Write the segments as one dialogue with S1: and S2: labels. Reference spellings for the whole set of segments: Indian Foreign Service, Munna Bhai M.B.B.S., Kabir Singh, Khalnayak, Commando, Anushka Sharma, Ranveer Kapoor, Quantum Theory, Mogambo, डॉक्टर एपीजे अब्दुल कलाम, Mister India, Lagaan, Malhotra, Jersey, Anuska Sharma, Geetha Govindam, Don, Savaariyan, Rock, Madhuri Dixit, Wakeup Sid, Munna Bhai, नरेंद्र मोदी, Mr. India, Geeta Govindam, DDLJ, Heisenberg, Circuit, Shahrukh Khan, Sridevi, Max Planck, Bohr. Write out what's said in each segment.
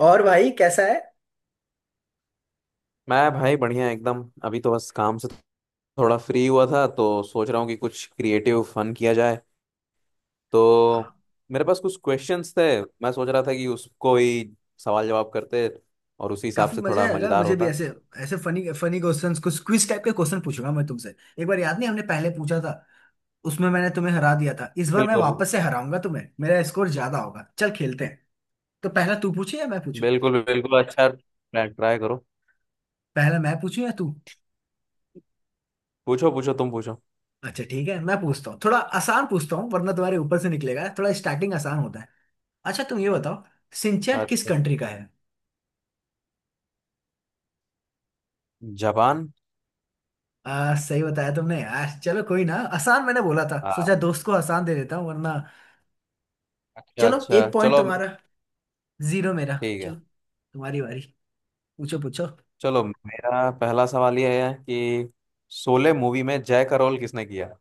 S1: और भाई कैसा है।
S2: मैं भाई बढ़िया एकदम। अभी तो बस काम से थोड़ा फ्री हुआ था तो सोच रहा हूँ कि कुछ क्रिएटिव फन किया जाए।
S1: हाँ,
S2: तो मेरे पास कुछ क्वेश्चंस थे। मैं सोच रहा था कि उसको ही सवाल जवाब करते और उसी हिसाब
S1: काफी
S2: से
S1: मजा
S2: थोड़ा
S1: आएगा
S2: मजेदार
S1: मुझे भी
S2: होता।
S1: ऐसे ऐसे फनी फनी क्वेश्चंस कुछ क्विज टाइप के क्वेश्चन पूछूंगा मैं तुमसे। एक बार याद नहीं हमने पहले पूछा था, उसमें मैंने तुम्हें हरा दिया था। इस बार मैं
S2: बिल्कुल
S1: वापस से हराऊंगा तुम्हें, मेरा स्कोर ज्यादा होगा, चल खेलते हैं। तो पहला तू पूछे या मैं पूछूं।
S2: बिल्कुल। बिल्कुल अच्छा, ट्राई करो।
S1: पहला मैं पूछूं या तू।
S2: पूछो पूछो, तुम पूछो।
S1: अच्छा ठीक है, मैं पूछता हूँ, थोड़ा आसान पूछता हूँ वरना तुम्हारे ऊपर से निकलेगा, थोड़ा स्टार्टिंग आसान होता है। अच्छा तुम ये बताओ, सिंचैन किस
S2: अच्छा,
S1: कंट्री का है।
S2: जापान।
S1: सही बताया तुमने यार। चलो कोई ना, आसान मैंने बोला था,
S2: आ,
S1: सोचा दोस्त को आसान दे देता हूँ वरना।
S2: अच्छा
S1: चलो
S2: अच्छा,
S1: एक पॉइंट
S2: चलो।
S1: तुम्हारा, जीरो मेरा।
S2: ठीक है।
S1: चलो तुम्हारी बारी, पूछो पूछो।
S2: चलो, मेरा पहला सवाल ये है कि शोले मूवी में जय का रोल किसने किया।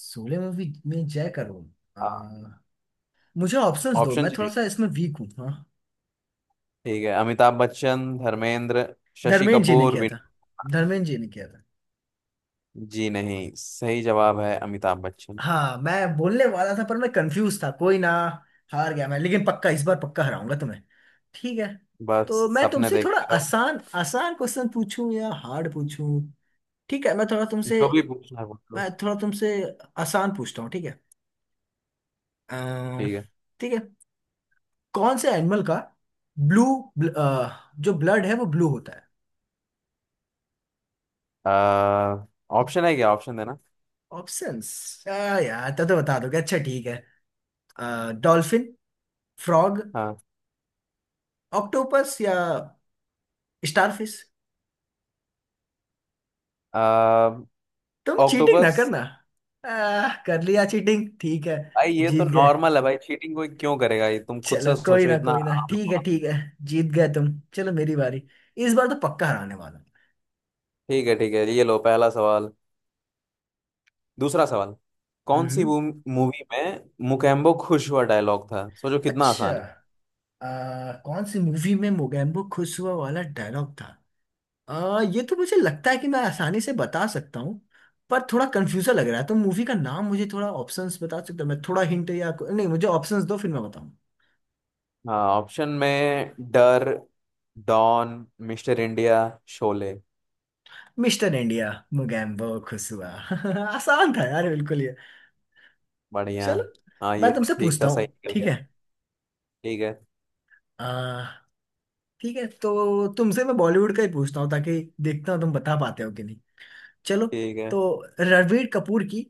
S1: सोलो मूवी में जय करो। आ, मुझे ऑप्शंस दो,
S2: ऑप्शन
S1: मैं थोड़ा
S2: चाहिए?
S1: सा इसमें वीक हूँ। हाँ,
S2: ठीक है, अमिताभ बच्चन, धर्मेंद्र, शशि
S1: धर्मेंद्र जी ने
S2: कपूर,
S1: किया
S2: विन।
S1: था धर्मेंद्र जी ने किया था।
S2: जी नहीं, सही जवाब है अमिताभ बच्चन।
S1: हाँ मैं बोलने वाला था पर मैं कंफ्यूज था, कोई ना। हार गया मैं, लेकिन पक्का इस बार पक्का हराऊंगा तुम्हें। ठीक है,
S2: बस
S1: तो मैं
S2: सपने
S1: तुमसे थोड़ा
S2: देखते रहो।
S1: आसान आसान क्वेश्चन पूछूं या हार्ड पूछूं। ठीक है
S2: जो भी पूछना है पूछ लो।
S1: मैं थोड़ा तुमसे आसान पूछता हूँ, ठीक है। अम्म,
S2: ठीक है।
S1: ठीक है। कौन से एनिमल का ब्लू, जो ब्लड है वो ब्लू होता है।
S2: आ, ऑप्शन है क्या? ऑप्शन देना।
S1: ऑप्शंस, यार तब तो बता दोगे, अच्छा ठीक है। डॉल्फिन, फ्रॉग,
S2: हाँ।
S1: ऑक्टोपस या स्टारफिश।
S2: आ,
S1: तुम चीटिंग ना
S2: ऑक्टोपस।
S1: करना। कर लिया चीटिंग, ठीक है।
S2: भाई ये तो
S1: जीत गए।
S2: नॉर्मल है, भाई चीटिंग कोई क्यों करेगा, ये तुम खुद
S1: चलो
S2: से
S1: कोई
S2: सोचो,
S1: ना
S2: इतना
S1: कोई ना,
S2: आम
S1: ठीक है
S2: सवाल।
S1: ठीक है। जीत गए तुम। चलो मेरी बारी, इस बार तो पक्का हराने वाला।
S2: ठीक है ठीक है, ये लो पहला सवाल। दूसरा सवाल,
S1: हूँ।
S2: कौन सी
S1: हम्म
S2: मूवी में मुकेम्बो खुश हुआ डायलॉग था? सोचो कितना
S1: अच्छा।
S2: आसान है।
S1: कौन सी मूवी में मोगैम्बो खुश हुआ वाला डायलॉग था। ये तो मुझे लगता है कि मैं आसानी से बता सकता हूँ पर थोड़ा कंफ्यूजन लग रहा है, तो मूवी का नाम मुझे थोड़ा ऑप्शंस बता सकते हो, मैं थोड़ा हिंट, या नहीं मुझे ऑप्शंस दो फिर मैं बताऊँ।
S2: हाँ, ऑप्शन में डर, डॉन, मिस्टर इंडिया, शोले।
S1: मिस्टर इंडिया, मुगैम्बो खुसुआ आसान था यार, बिल्कुल ये।
S2: बढ़िया।
S1: चलो
S2: हाँ
S1: मैं
S2: ये तो
S1: तुमसे
S2: ठीक
S1: पूछता
S2: था, सही
S1: हूँ
S2: निकल
S1: ठीक
S2: गया।
S1: है।
S2: ठीक है।
S1: आ, ठीक है तो तुमसे मैं बॉलीवुड का ही पूछता हूँ, ताकि देखता हूँ तुम बता पाते हो कि नहीं। चलो,
S2: ठीक है,
S1: तो रणबीर कपूर की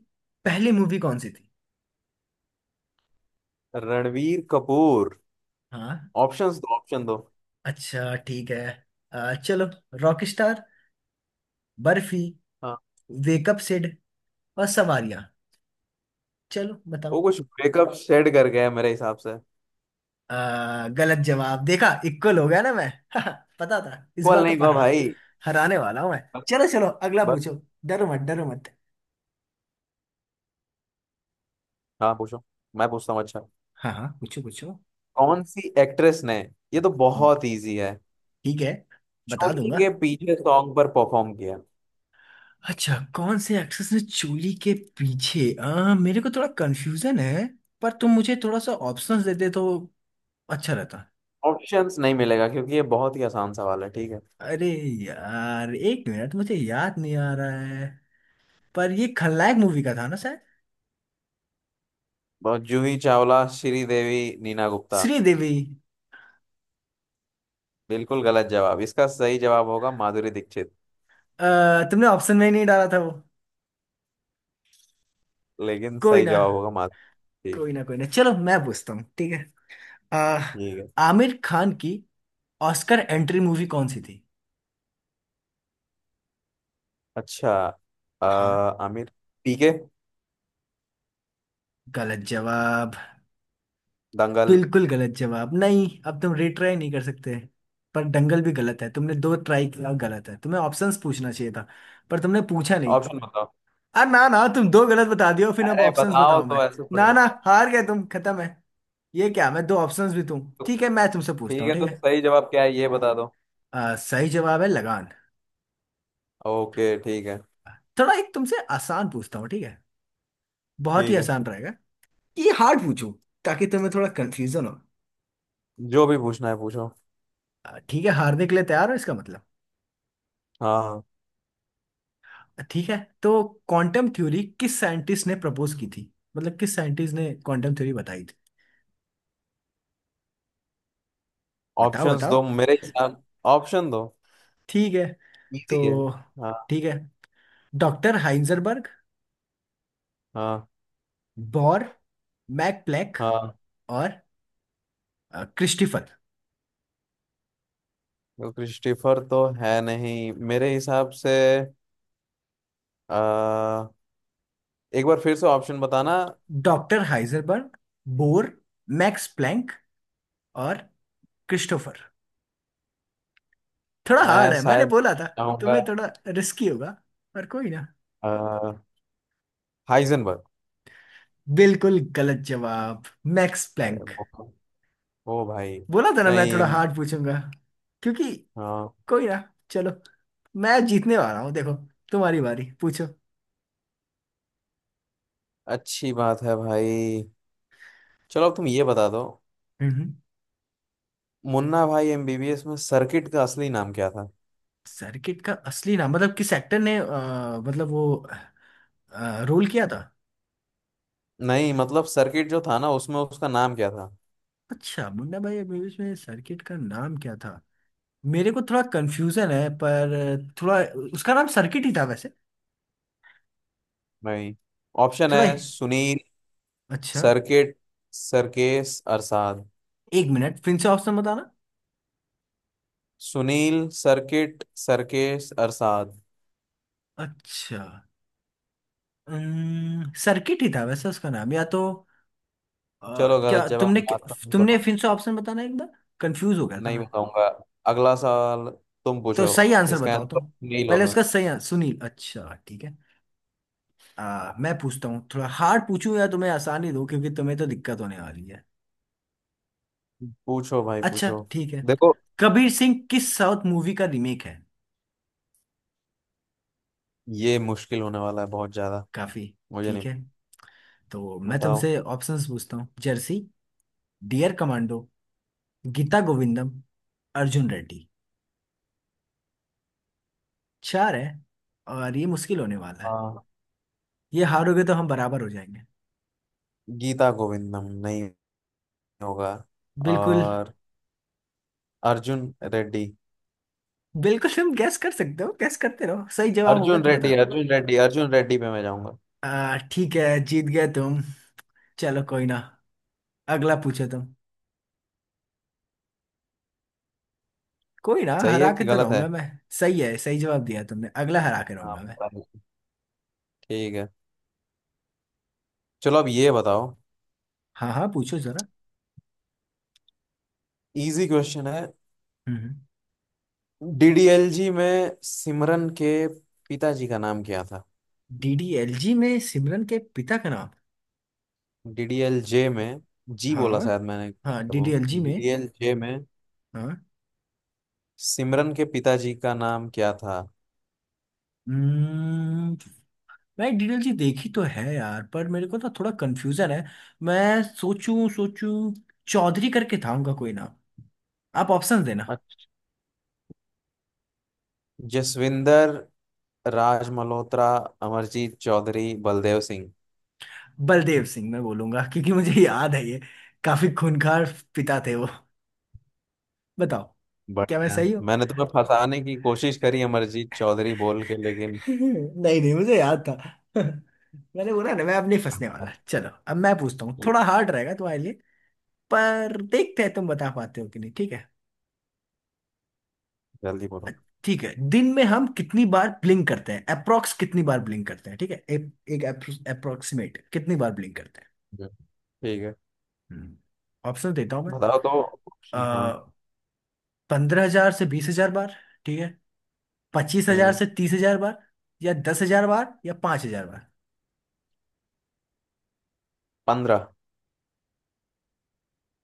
S1: पहली मूवी कौन सी थी।
S2: रणवीर कपूर।
S1: हाँ,
S2: ऑप्शंस दो, ऑप्शन दो।
S1: अच्छा ठीक है। चलो, रॉक, बर्फी,
S2: हाँ।
S1: वेकअप सिड और सवारियां। चलो
S2: वो
S1: बताओ।
S2: कुछ ब्रेकअप सेट कर गया है मेरे हिसाब से।
S1: गलत जवाब। देखा इक्वल हो गया ना मैं। पता था, इस बार
S2: इक्वल
S1: तो
S2: नहीं हुआ
S1: पढ़ा,
S2: भाई।
S1: हराने वाला हूं मैं।
S2: बस।
S1: चलो चलो अगला
S2: बस।
S1: पूछो। डरो मत डरो मत।
S2: हाँ पूछो। मैं पूछता हूँ, अच्छा,
S1: हाँ हाँ पूछो पूछो।
S2: कौन सी एक्ट्रेस ने, ये तो
S1: हम्म,
S2: बहुत इजी है,
S1: ठीक है, बता
S2: चोरी
S1: दूंगा।
S2: के पीछे सॉन्ग पर परफॉर्म किया।
S1: अच्छा, कौन से एक्ट्रेस ने चोली के पीछे। मेरे को थोड़ा कंफ्यूजन है, पर तुम मुझे थोड़ा सा ऑप्शंस देते तो अच्छा रहता।
S2: ऑप्शंस नहीं मिलेगा क्योंकि ये बहुत ही आसान सवाल है। ठीक है।
S1: अरे यार, एक मिनट मुझे याद नहीं आ रहा है, पर ये खलनायक मूवी का था ना शायद।
S2: बहुत- जूही चावला, श्रीदेवी, नीना गुप्ता।
S1: श्रीदेवी।
S2: बिल्कुल गलत जवाब, इसका सही जवाब होगा माधुरी दीक्षित।
S1: अ, तुमने ऑप्शन में ही नहीं डाला था वो।
S2: लेकिन
S1: कोई
S2: सही
S1: ना
S2: जवाब होगा माधुरी।
S1: कोई
S2: ठीक।
S1: ना कोई ना, चलो मैं पूछता हूँ ठीक है। अ,
S2: ठीक है।
S1: आमिर खान की ऑस्कर एंट्री मूवी कौन सी थी।
S2: अच्छा।
S1: हाँ,
S2: आमिर। पीके।
S1: गलत जवाब।
S2: दंगल।
S1: बिल्कुल गलत जवाब। नहीं अब तुम रिट्राई नहीं कर सकते, पर दंगल भी गलत है, तुमने दो ट्राई किया, गलत है, तुम्हें ऑप्शंस पूछना चाहिए था, पर तुमने पूछा नहीं।
S2: ऑप्शन बताओ।
S1: अरे ना ना, तुम दो गलत बता दियो फिर अब
S2: अरे
S1: ऑप्शंस
S2: बताओ,
S1: बताओ
S2: तो
S1: मैं।
S2: ऐसे थोड़ी
S1: ना ना,
S2: होता है।
S1: हार गए तुम, खत्म है। ये क्या मैं दो ऑप्शंस भी तुम,
S2: तो
S1: ठीक है मैं तुमसे पूछता
S2: ठीक
S1: हूँ
S2: है,
S1: ठीक
S2: तो
S1: है।
S2: सही जवाब क्या है ये बता दो।
S1: सही जवाब है लगान।
S2: ओके ठीक है।
S1: थोड़ा एक तुमसे आसान पूछता हूँ ठीक है, बहुत ही
S2: ठीक है।
S1: आसान रहेगा। ये हार्ड पूछू ताकि तुम्हें थोड़ा कंफ्यूजन हो।
S2: जो भी पूछना है पूछो।
S1: ठीक है, हारने के लिए तैयार हो इसका मतलब।
S2: हाँ हाँ।
S1: ठीक है तो क्वांटम थ्योरी किस साइंटिस्ट ने प्रपोज की थी, मतलब किस साइंटिस्ट ने क्वांटम थ्योरी बताई थी, बताओ
S2: ऑप्शंस दो
S1: बताओ।
S2: मेरे हिसाब, ऑप्शन दो।
S1: ठीक है।
S2: इजी
S1: तो
S2: है। हाँ।
S1: ठीक है, डॉक्टर हाइंजनबर्ग,
S2: हाँ।
S1: बॉर, मैक प्लैंक
S2: हाँ।
S1: और क्रिस्टिफर।
S2: क्रिस्टीफर तो है नहीं मेरे हिसाब से। आ, एक बार फिर से ऑप्शन बताना।
S1: Doctor Heisenberg, Bohr, Max Planck और क्रिस्टोफर। थोड़ा हार्ड
S2: मैं
S1: है मैंने
S2: शायद
S1: बोला था,
S2: चाहूंगा।
S1: तुम्हें थोड़ा रिस्की होगा, पर कोई ना।
S2: अ, हाइजेनबर्ग।
S1: बिल्कुल गलत जवाब, मैक्स
S2: ए,
S1: प्लैंक।
S2: वो वो भाई।
S1: बोला था ना मैं
S2: नहीं।
S1: थोड़ा हार्ड पूछूंगा, क्योंकि
S2: हाँ।
S1: कोई ना, चलो मैं जीतने वाला हूँ देखो। तुम्हारी बारी पूछो।
S2: अच्छी बात है भाई। चलो अब तुम ये बता दो,
S1: हम्म।
S2: मुन्ना भाई एमबीबीएस में सर्किट का असली नाम क्या था।
S1: सर्किट का असली नाम, मतलब किस एक्टर ने मतलब वो रोल किया था।
S2: नहीं मतलब सर्किट जो था ना, उसमें उसका नाम क्या था।
S1: अच्छा, मुन्ना भाई मूवीज में सर्किट का नाम क्या था, मेरे को थोड़ा कंफ्यूजन है पर थोड़ा, उसका नाम सर्किट ही था वैसे।
S2: नहीं, ऑप्शन
S1: थोड़ा
S2: है
S1: ही,
S2: सुनील,
S1: अच्छा,
S2: सर्किट, सरकेश अरसाद।
S1: एक मिनट फिर से ऑप्शन बताना।
S2: सुनील, सर्किट, सर्केश अरसाद।
S1: अच्छा, सर्किट ही था वैसे उसका नाम या तो,
S2: चलो गलत
S1: क्या
S2: जवाब,
S1: तुमने,
S2: बात खत्म
S1: तुमने
S2: करो।
S1: फिर से ऑप्शन बताना एक बार, कंफ्यूज हो गया था
S2: नहीं
S1: मैं।
S2: बताऊंगा। अगला सवाल, तुम
S1: तो
S2: पूछो।
S1: सही आंसर
S2: इसका
S1: बताओ
S2: आंसर
S1: तुम।
S2: सुनील
S1: पहले
S2: होगा।
S1: उसका सही आंसर सुनील, अच्छा ठीक है। मैं पूछता हूँ, थोड़ा हार्ड पूछूं या तुम्हें आसानी दो क्योंकि तुम्हें तो दिक्कत होने वाली है।
S2: पूछो भाई
S1: अच्छा
S2: पूछो।
S1: ठीक है,
S2: देखो,
S1: कबीर सिंह किस साउथ मूवी का रीमेक है।
S2: ये मुश्किल होने वाला है बहुत ज्यादा।
S1: काफी।
S2: मुझे नहीं।
S1: ठीक है, तो मैं
S2: बताओ।
S1: तुमसे ऑप्शंस पूछता हूँ। जर्सी, डियर कमांडो, गीता गोविंदम, अर्जुन रेड्डी। चार है, और ये मुश्किल होने वाला है।
S2: आ,
S1: ये हारोगे तो हम बराबर हो जाएंगे।
S2: गीता गोविंदम नहीं होगा।
S1: बिल्कुल।
S2: और अर्जुन रेड्डी।
S1: बिल्कुल तुम गैस कर सकते हो, गैस करते रहो, सही जवाब होगा
S2: अर्जुन
S1: तो
S2: रेड्डी,
S1: बता।
S2: अर्जुन रेड्डी, अर्जुन रेड्डी पे मैं जाऊंगा।
S1: ठीक है, जीत गए तुम। चलो कोई ना, अगला पूछो तुम। कोई ना,
S2: सही है
S1: हरा के
S2: कि
S1: तो
S2: गलत है?
S1: रहूंगा मैं। सही है, सही जवाब दिया तुमने, अगला हरा के
S2: हाँ
S1: रहूंगा मैं।
S2: पता नहीं। ठीक है। चलो अब ये बताओ,
S1: हाँ हाँ पूछो जरा।
S2: इजी क्वेश्चन है।
S1: हम्म।
S2: डीडीएलजी में सिमरन के पिताजी का नाम क्या था?
S1: डीडीएलजी में सिमरन के पिता का नाम।
S2: डीडीएलजे में जी बोला
S1: हाँ
S2: शायद मैंने, क्या
S1: हाँ,
S2: था वो
S1: डीडीएलजी में।
S2: डीडीएलजे में
S1: हाँ।
S2: सिमरन के पिताजी का नाम क्या था?
S1: हम्म। मैं डीडीएलजी देखी तो है यार, पर मेरे को ना थोड़ा कंफ्यूजन है। मैं सोचूं सोचूं, चौधरी करके था उनका कोई नाम। आप ऑप्शन देना।
S2: अच्छा, जसविंदर, राज मल्होत्रा, अमरजीत चौधरी, बलदेव सिंह।
S1: बलदेव सिंह मैं बोलूंगा क्योंकि मुझे याद है ये, काफी खूंखार पिता थे वो। बताओ, क्या मैं
S2: बढ़िया।
S1: सही हूँ।
S2: मैंने तुम्हें फंसाने की कोशिश करी अमरजीत चौधरी बोल के, लेकिन
S1: नहीं नहीं, मुझे याद था। मैंने बोला ना, मैं अब नहीं फंसने वाला। चलो अब मैं पूछता हूँ, थोड़ा हार्ड रहेगा तुम्हारे लिए, पर देखते हैं तुम बता पाते हो कि नहीं, ठीक है।
S2: जल्दी
S1: अ-
S2: बोलो।
S1: ठीक है, दिन में हम कितनी बार ब्लिंक करते हैं, अप्रोक्स कितनी बार ब्लिंक करते हैं, ठीक है एक अप्रोक्सीमेट कितनी बार ब्लिंक करते
S2: ठीक है।
S1: हैं। ऑप्शन देता हूं मैं।
S2: बताओ तो ऑप्शन, हाँ।
S1: 15,000 से 20,000 बार, ठीक है, पच्चीस हजार
S2: हम्म,
S1: से तीस हजार बार, या 10,000 बार, या 5,000 बार।
S2: पंद्रह।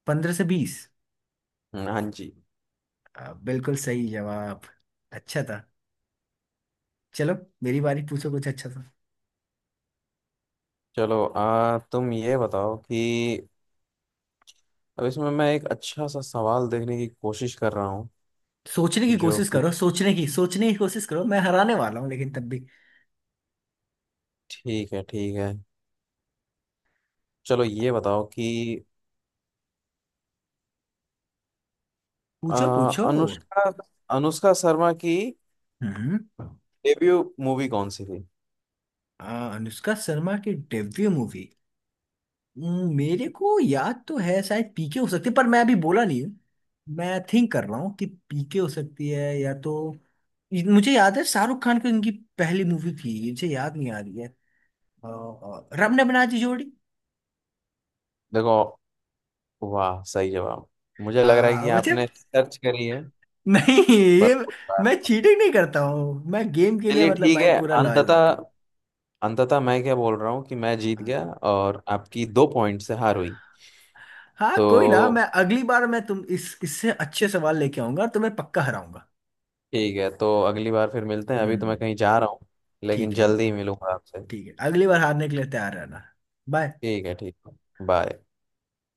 S1: 15 से 20।
S2: हाँ 15, हाँ जी।
S1: बिल्कुल सही जवाब, अच्छा था। चलो मेरी बारी, पूछो कुछ अच्छा सा।
S2: चलो आ तुम ये बताओ कि अब इसमें मैं एक अच्छा सा सवाल देखने की कोशिश कर रहा हूँ,
S1: सोचने की
S2: जो
S1: कोशिश
S2: कि।
S1: करो, सोचने की कोशिश करो, मैं हराने वाला हूँ लेकिन तब भी।
S2: ठीक है ठीक है। चलो ये बताओ कि
S1: पूछो पूछो।
S2: अनुष्का, अनुष्का शर्मा की
S1: हम्म।
S2: डेब्यू मूवी कौन सी थी।
S1: अनुष्का शर्मा की डेब्यू मूवी। मेरे को याद तो है, शायद पीके हो सकती है पर मैं अभी बोला नहीं हूँ। मैं थिंक कर रहा हूँ कि पीके हो सकती है, या तो मुझे याद है, शाहरुख खान की इनकी पहली मूवी थी, मुझे याद नहीं आ रही है। रब ने बना दी जोड़ी।
S2: देखो। वाह सही जवाब। मुझे लग रहा है कि
S1: मुझे
S2: आपने सर्च करी है,
S1: नहीं
S2: पर
S1: ये,
S2: कोई बात
S1: मैं
S2: नहीं।
S1: चीटिंग नहीं करता हूँ, मैं गेम के लिए
S2: चलिए
S1: मतलब
S2: ठीक
S1: भाई
S2: है।
S1: पूरा लॉयल
S2: अंततः,
S1: रहता हूँ।
S2: अंततः मैं क्या बोल रहा हूँ कि मैं जीत
S1: हाँ।
S2: गया और आपकी दो पॉइंट से हार हुई।
S1: हाँ कोई ना,
S2: तो
S1: मैं अगली बार मैं तुम इस इससे अच्छे सवाल लेके आऊंगा और तुम्हें पक्का हराऊंगा।
S2: ठीक है, तो अगली बार फिर मिलते हैं, अभी तो मैं
S1: हम्म।
S2: कहीं जा रहा हूँ। लेकिन
S1: ठीक है,
S2: जल्दी ही मिलूंगा आपसे।
S1: ठीक है अगली बार हारने के लिए तैयार रहना। बाय।
S2: ठीक है ठीक है। बाय।